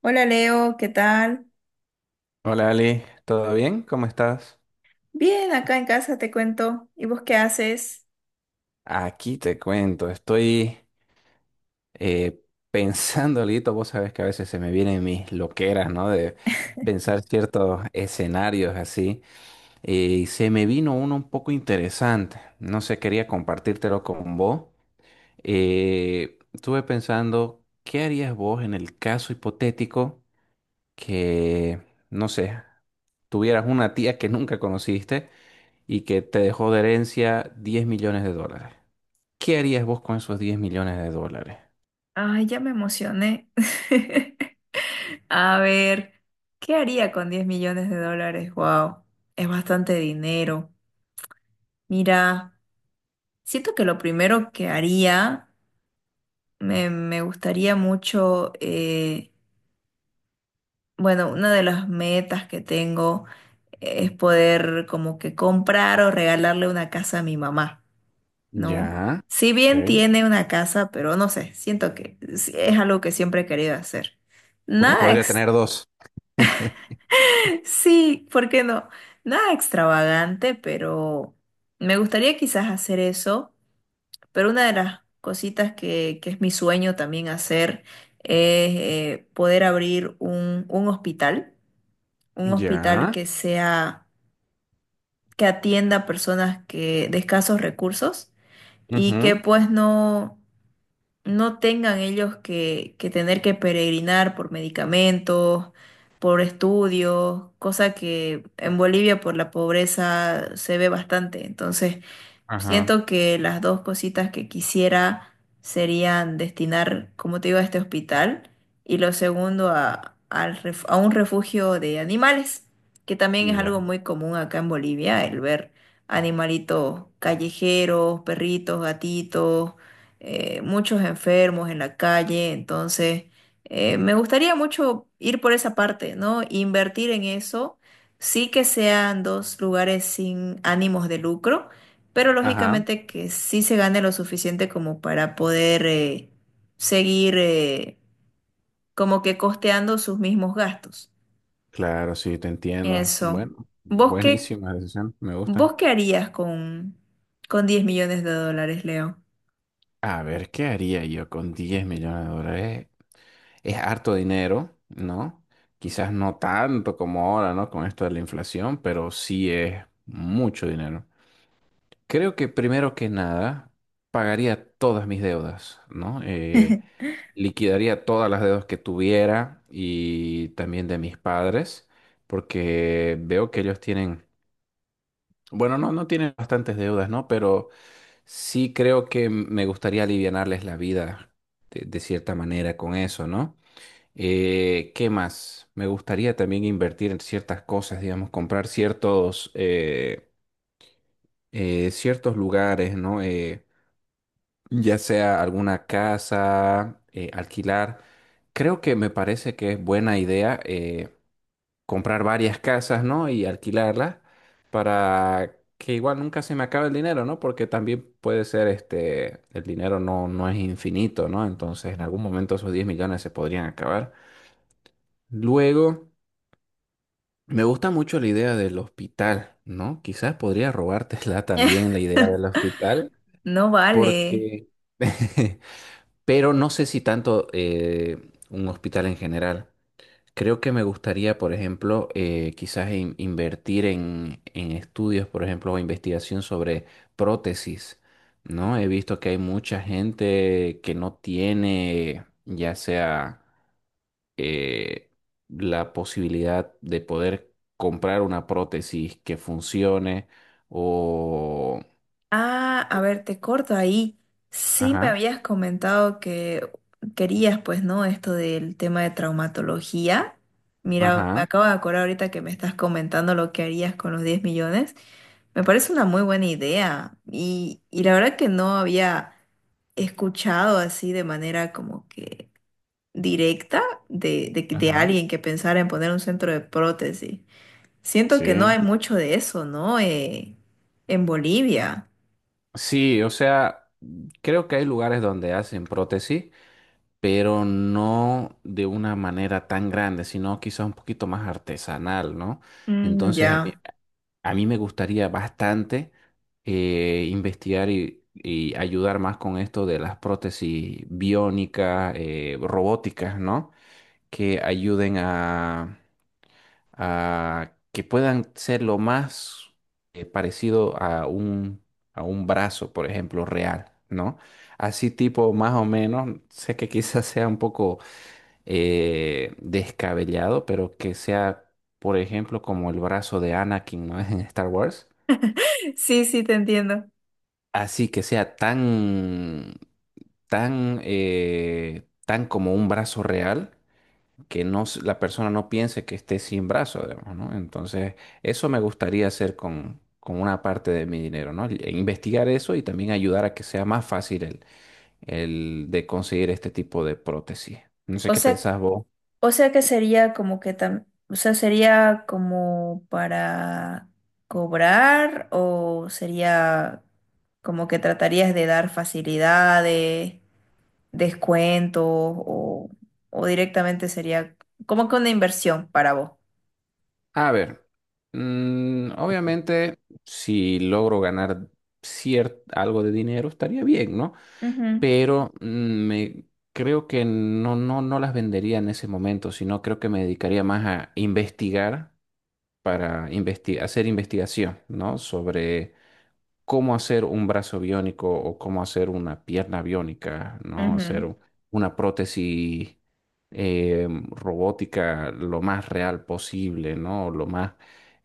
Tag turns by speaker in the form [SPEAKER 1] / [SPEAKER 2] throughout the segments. [SPEAKER 1] Hola Leo, ¿qué tal?
[SPEAKER 2] Hola Ali, ¿todo bien? ¿Cómo estás?
[SPEAKER 1] Bien, acá en casa te cuento. ¿Y vos qué haces?
[SPEAKER 2] Aquí te cuento, estoy eh, pensando, Lito, vos sabés que a veces se me vienen mis loqueras, ¿no? De pensar ciertos escenarios así, y se me vino uno un poco interesante, no sé, quería compartírtelo con vos. Estuve pensando, ¿qué harías vos en el caso hipotético que, no sé, tuvieras una tía que nunca conociste? Y que te dejó de herencia 10 millones de dólares. ¿Qué harías vos con esos 10 millones de dólares?
[SPEAKER 1] Ay, ya me emocioné. A ver, ¿qué haría con $10 millones? Wow, es bastante dinero. Mira, siento que lo primero que haría, me gustaría mucho, bueno, una de las metas que tengo es poder como que comprar o regalarle una casa a mi mamá. No,
[SPEAKER 2] Ya.
[SPEAKER 1] si bien
[SPEAKER 2] Ok.
[SPEAKER 1] tiene una casa, pero no sé, siento que sí es algo que siempre he querido hacer.
[SPEAKER 2] Porque
[SPEAKER 1] Nada
[SPEAKER 2] podría
[SPEAKER 1] ex,
[SPEAKER 2] tener dos.
[SPEAKER 1] sí, ¿por qué no? Nada extravagante, pero me gustaría quizás hacer eso, pero una de las cositas que es mi sueño también hacer es poder abrir un hospital
[SPEAKER 2] Ya.
[SPEAKER 1] que sea, que atienda a personas que, de escasos recursos y que
[SPEAKER 2] Ujú.
[SPEAKER 1] pues no tengan ellos que tener que peregrinar por medicamentos, por estudios, cosa que en Bolivia por la pobreza se ve bastante. Entonces,
[SPEAKER 2] Ajá.
[SPEAKER 1] siento que las dos cositas que quisiera serían destinar, como te digo, a este hospital y lo segundo a, a un refugio de animales, que también es algo
[SPEAKER 2] Ya.
[SPEAKER 1] muy común acá en Bolivia, el ver animalitos callejeros, perritos, gatitos, muchos enfermos en la calle. Entonces, me gustaría mucho ir por esa parte, ¿no? Invertir en eso, sí que sean dos lugares sin ánimos de lucro pero
[SPEAKER 2] Ajá.
[SPEAKER 1] lógicamente que sí se gane lo suficiente como para poder seguir como que costeando sus mismos gastos.
[SPEAKER 2] Claro, sí, te entiendo.
[SPEAKER 1] Eso.
[SPEAKER 2] Bueno,
[SPEAKER 1] ¿Vos qué,
[SPEAKER 2] buenísima decisión. Me
[SPEAKER 1] vos
[SPEAKER 2] gustan.
[SPEAKER 1] qué harías con $10 millones, Leo?
[SPEAKER 2] A ver, ¿qué haría yo con 10 millones de dólares? Es harto dinero, ¿no? Quizás no tanto como ahora, ¿no? Con esto de la inflación, pero sí es mucho dinero. Creo que primero que nada pagaría todas mis deudas, ¿no? Liquidaría todas las deudas que tuviera y también de mis padres, porque veo que ellos tienen, bueno, no, no tienen bastantes deudas, ¿no? Pero sí creo que me gustaría alivianarles la vida de cierta manera con eso, ¿no? ¿Qué más? Me gustaría también invertir en ciertas cosas, digamos, comprar ciertos lugares, ¿no? Ya sea alguna casa, alquilar. Creo que me parece que es buena idea comprar varias casas, ¿no? Y alquilarlas para que igual nunca se me acabe el dinero, ¿no? Porque también puede ser, este, el dinero no, no es infinito, ¿no? Entonces en algún momento esos 10 millones se podrían acabar. Luego, me gusta mucho la idea del hospital, ¿no? Quizás podría robártela también la idea del hospital,
[SPEAKER 1] No vale.
[SPEAKER 2] porque... pero no sé si tanto un hospital en general. Creo que me gustaría, por ejemplo, quizás invertir en, estudios, por ejemplo, o investigación sobre prótesis, ¿no? He visto que hay mucha gente que no tiene, ya sea eh, la posibilidad de poder comprar una prótesis que funcione o...
[SPEAKER 1] Ah, a ver, te corto ahí. Sí me
[SPEAKER 2] Ajá,
[SPEAKER 1] habías comentado que querías, pues, ¿no? Esto del tema de traumatología. Mira, me
[SPEAKER 2] ajá,
[SPEAKER 1] acabo de acordar ahorita que me estás comentando lo que harías con los 10 millones. Me parece una muy buena idea y la verdad que no había escuchado así de manera como que directa de
[SPEAKER 2] ajá.
[SPEAKER 1] alguien que pensara en poner un centro de prótesis. Siento que no
[SPEAKER 2] Sí.
[SPEAKER 1] hay mucho de eso, ¿no? En Bolivia.
[SPEAKER 2] Sí, o sea, creo que hay lugares donde hacen prótesis, pero no de una manera tan grande, sino quizás un poquito más artesanal, ¿no?
[SPEAKER 1] Mm,
[SPEAKER 2] Entonces, a mí,
[SPEAKER 1] ya.
[SPEAKER 2] a mí me gustaría bastante investigar y ayudar más con esto de las prótesis biónicas, robóticas, ¿no? Que ayuden a que puedan ser lo más parecido a un brazo, por ejemplo, real, ¿no? Así tipo, más o menos, sé que quizás sea un poco descabellado, pero que sea, por ejemplo, como el brazo de Anakin, ¿no? En Star Wars.
[SPEAKER 1] Sí, sí, te entiendo.
[SPEAKER 2] Así que sea tan como un brazo real que no, la persona no piense que esté sin brazo, digamos, ¿no? Entonces, eso me gustaría hacer con, una parte de mi dinero, ¿no? E investigar eso y también ayudar a que sea más fácil el de conseguir este tipo de prótesis. No sé
[SPEAKER 1] O
[SPEAKER 2] qué
[SPEAKER 1] sea,
[SPEAKER 2] pensás vos.
[SPEAKER 1] Que sería como que o sea, sería como para cobrar o sería como que tratarías de dar facilidades, descuentos o directamente sería como que una inversión para vos.
[SPEAKER 2] A ver, obviamente, si logro ganar algo de dinero, estaría bien, ¿no? Pero me... Creo que no, no, no las vendería en ese momento, sino creo que me dedicaría más a investigar para hacer investigación, ¿no? Sobre cómo hacer un brazo biónico o cómo hacer una pierna biónica,
[SPEAKER 1] Ujú,
[SPEAKER 2] ¿no? Hacer
[SPEAKER 1] ujú.
[SPEAKER 2] una prótesis robótica lo más real posible, ¿no? Lo más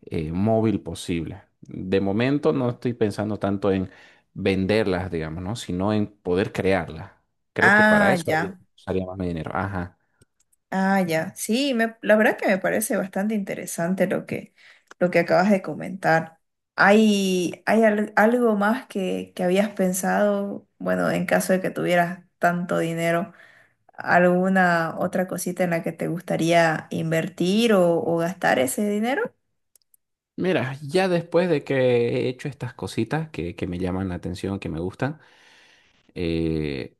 [SPEAKER 2] móvil posible. De momento no estoy pensando tanto en venderlas, digamos, ¿no? Sino en poder crearlas. Creo que para
[SPEAKER 1] Ah,
[SPEAKER 2] eso
[SPEAKER 1] ya.
[SPEAKER 2] usaría más mi dinero. Ajá.
[SPEAKER 1] Ah, ya. Sí, la verdad que me parece bastante interesante lo que acabas de comentar. ¿Hay algo más que habías pensado? Bueno, en caso de que tuvieras tanto dinero, ¿alguna otra cosita en la que te gustaría invertir o gastar ese dinero?
[SPEAKER 2] Mira, ya después de que he hecho estas cositas que me llaman la atención, que me gustan, eh,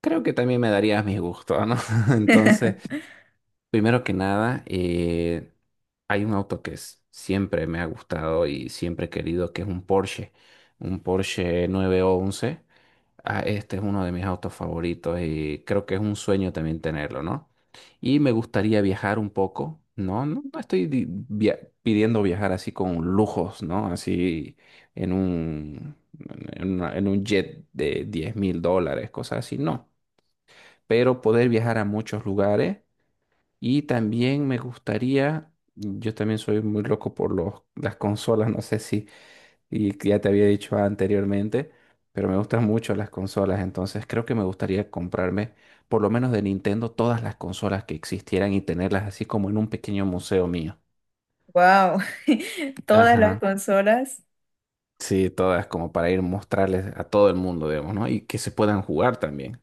[SPEAKER 2] creo que también me darías mis gustos, ¿no? Entonces, primero que nada, hay un auto que siempre me ha gustado y siempre he querido, que es un Porsche 911. Ah, este es uno de mis autos favoritos y creo que es un sueño también tenerlo, ¿no? Y me gustaría viajar un poco, ¿no? No, no estoy pidiendo viajar así con lujos, ¿no? Así en un, en un jet de 10.000 dólares, cosas así, no. Pero poder viajar a muchos lugares y también me gustaría, yo también soy muy loco por las consolas, no sé si y que ya te había dicho anteriormente, pero me gustan mucho las consolas, entonces creo que me gustaría comprarme, por lo menos de Nintendo, todas las consolas que existieran y tenerlas así como en un pequeño museo mío.
[SPEAKER 1] Wow, todas las
[SPEAKER 2] Ajá.
[SPEAKER 1] consolas
[SPEAKER 2] Sí, todas como para ir mostrarles a todo el mundo, digamos, ¿no? Y que se puedan jugar también.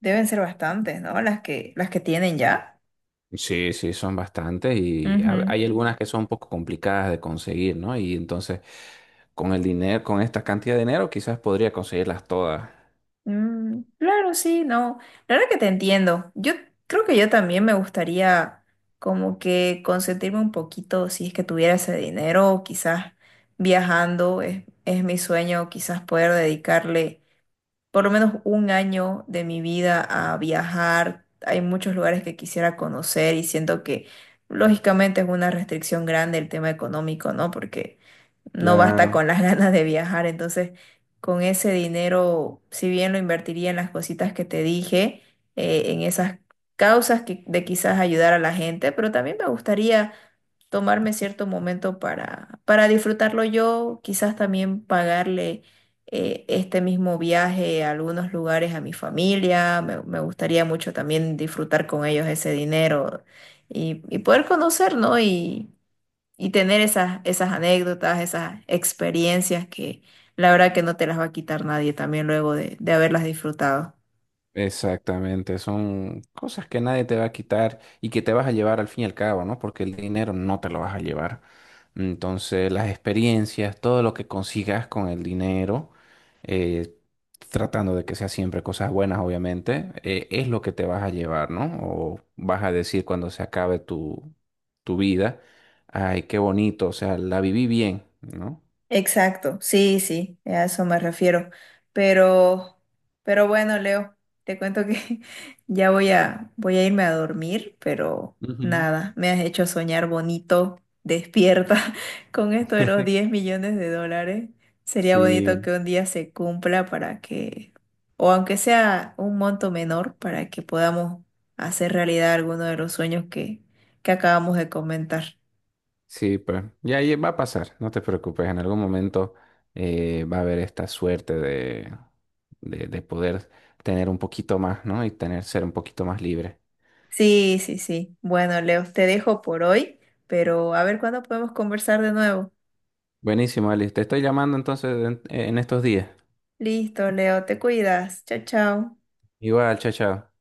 [SPEAKER 1] deben ser bastantes, ¿no? Las que tienen ya.
[SPEAKER 2] Sí, sí, son bastantes y
[SPEAKER 1] Ujú.
[SPEAKER 2] hay algunas que son un poco complicadas de conseguir, ¿no? Y entonces, con el dinero, con esta cantidad de dinero, quizás podría conseguirlas todas.
[SPEAKER 1] Mm, claro, sí, no. La verdad que te entiendo. Yo creo que yo también me gustaría como que consentirme un poquito si es que tuviera ese dinero, quizás viajando, es mi sueño, quizás poder dedicarle por lo menos un año de mi vida a viajar. Hay muchos lugares que quisiera conocer y siento que lógicamente es una restricción grande el tema económico, ¿no? Porque no basta
[SPEAKER 2] Claro.
[SPEAKER 1] con las ganas de viajar. Entonces, con ese dinero, si bien lo invertiría en las cositas que te dije, en esas causas que, de quizás ayudar a la gente, pero también me gustaría tomarme cierto momento para, disfrutarlo yo, quizás también pagarle este mismo viaje a algunos lugares a mi familia. Me gustaría mucho también disfrutar con ellos ese dinero y poder conocer, ¿no? Y tener esas anécdotas, esas experiencias que la verdad que no te las va a quitar nadie también luego de haberlas disfrutado.
[SPEAKER 2] Exactamente, son cosas que nadie te va a quitar y que te vas a llevar al fin y al cabo, ¿no? Porque el dinero no te lo vas a llevar. Entonces, las experiencias, todo lo que consigas con el dinero, eh, tratando de que sea siempre cosas buenas, obviamente, es lo que te vas a llevar, ¿no? O vas a decir cuando se acabe tu vida, ay, qué bonito, o sea, la viví bien, ¿no?
[SPEAKER 1] Exacto, sí, sí, a eso me refiero. Pero, bueno, Leo, te cuento que ya voy a irme a dormir, pero
[SPEAKER 2] Ujú.
[SPEAKER 1] nada, me has hecho soñar bonito, despierta con esto de los $10 millones. Sería bonito
[SPEAKER 2] Sí,
[SPEAKER 1] que un día se cumpla para que, o aunque sea un monto menor, para que podamos hacer realidad alguno de los sueños que acabamos de comentar.
[SPEAKER 2] sí, pues, y ahí va a pasar, no te preocupes, en algún momento va a haber esta suerte de poder tener un poquito más, ¿no? Y tener, ser un poquito más libre.
[SPEAKER 1] Sí, sí, sí. Bueno, Leo, te dejo por hoy, pero a ver cuándo podemos conversar de nuevo.
[SPEAKER 2] Buenísimo, Alice, te estoy llamando entonces en, estos días.
[SPEAKER 1] Listo, Leo, te cuidas. Chao, chao.
[SPEAKER 2] Igual, chao, chao.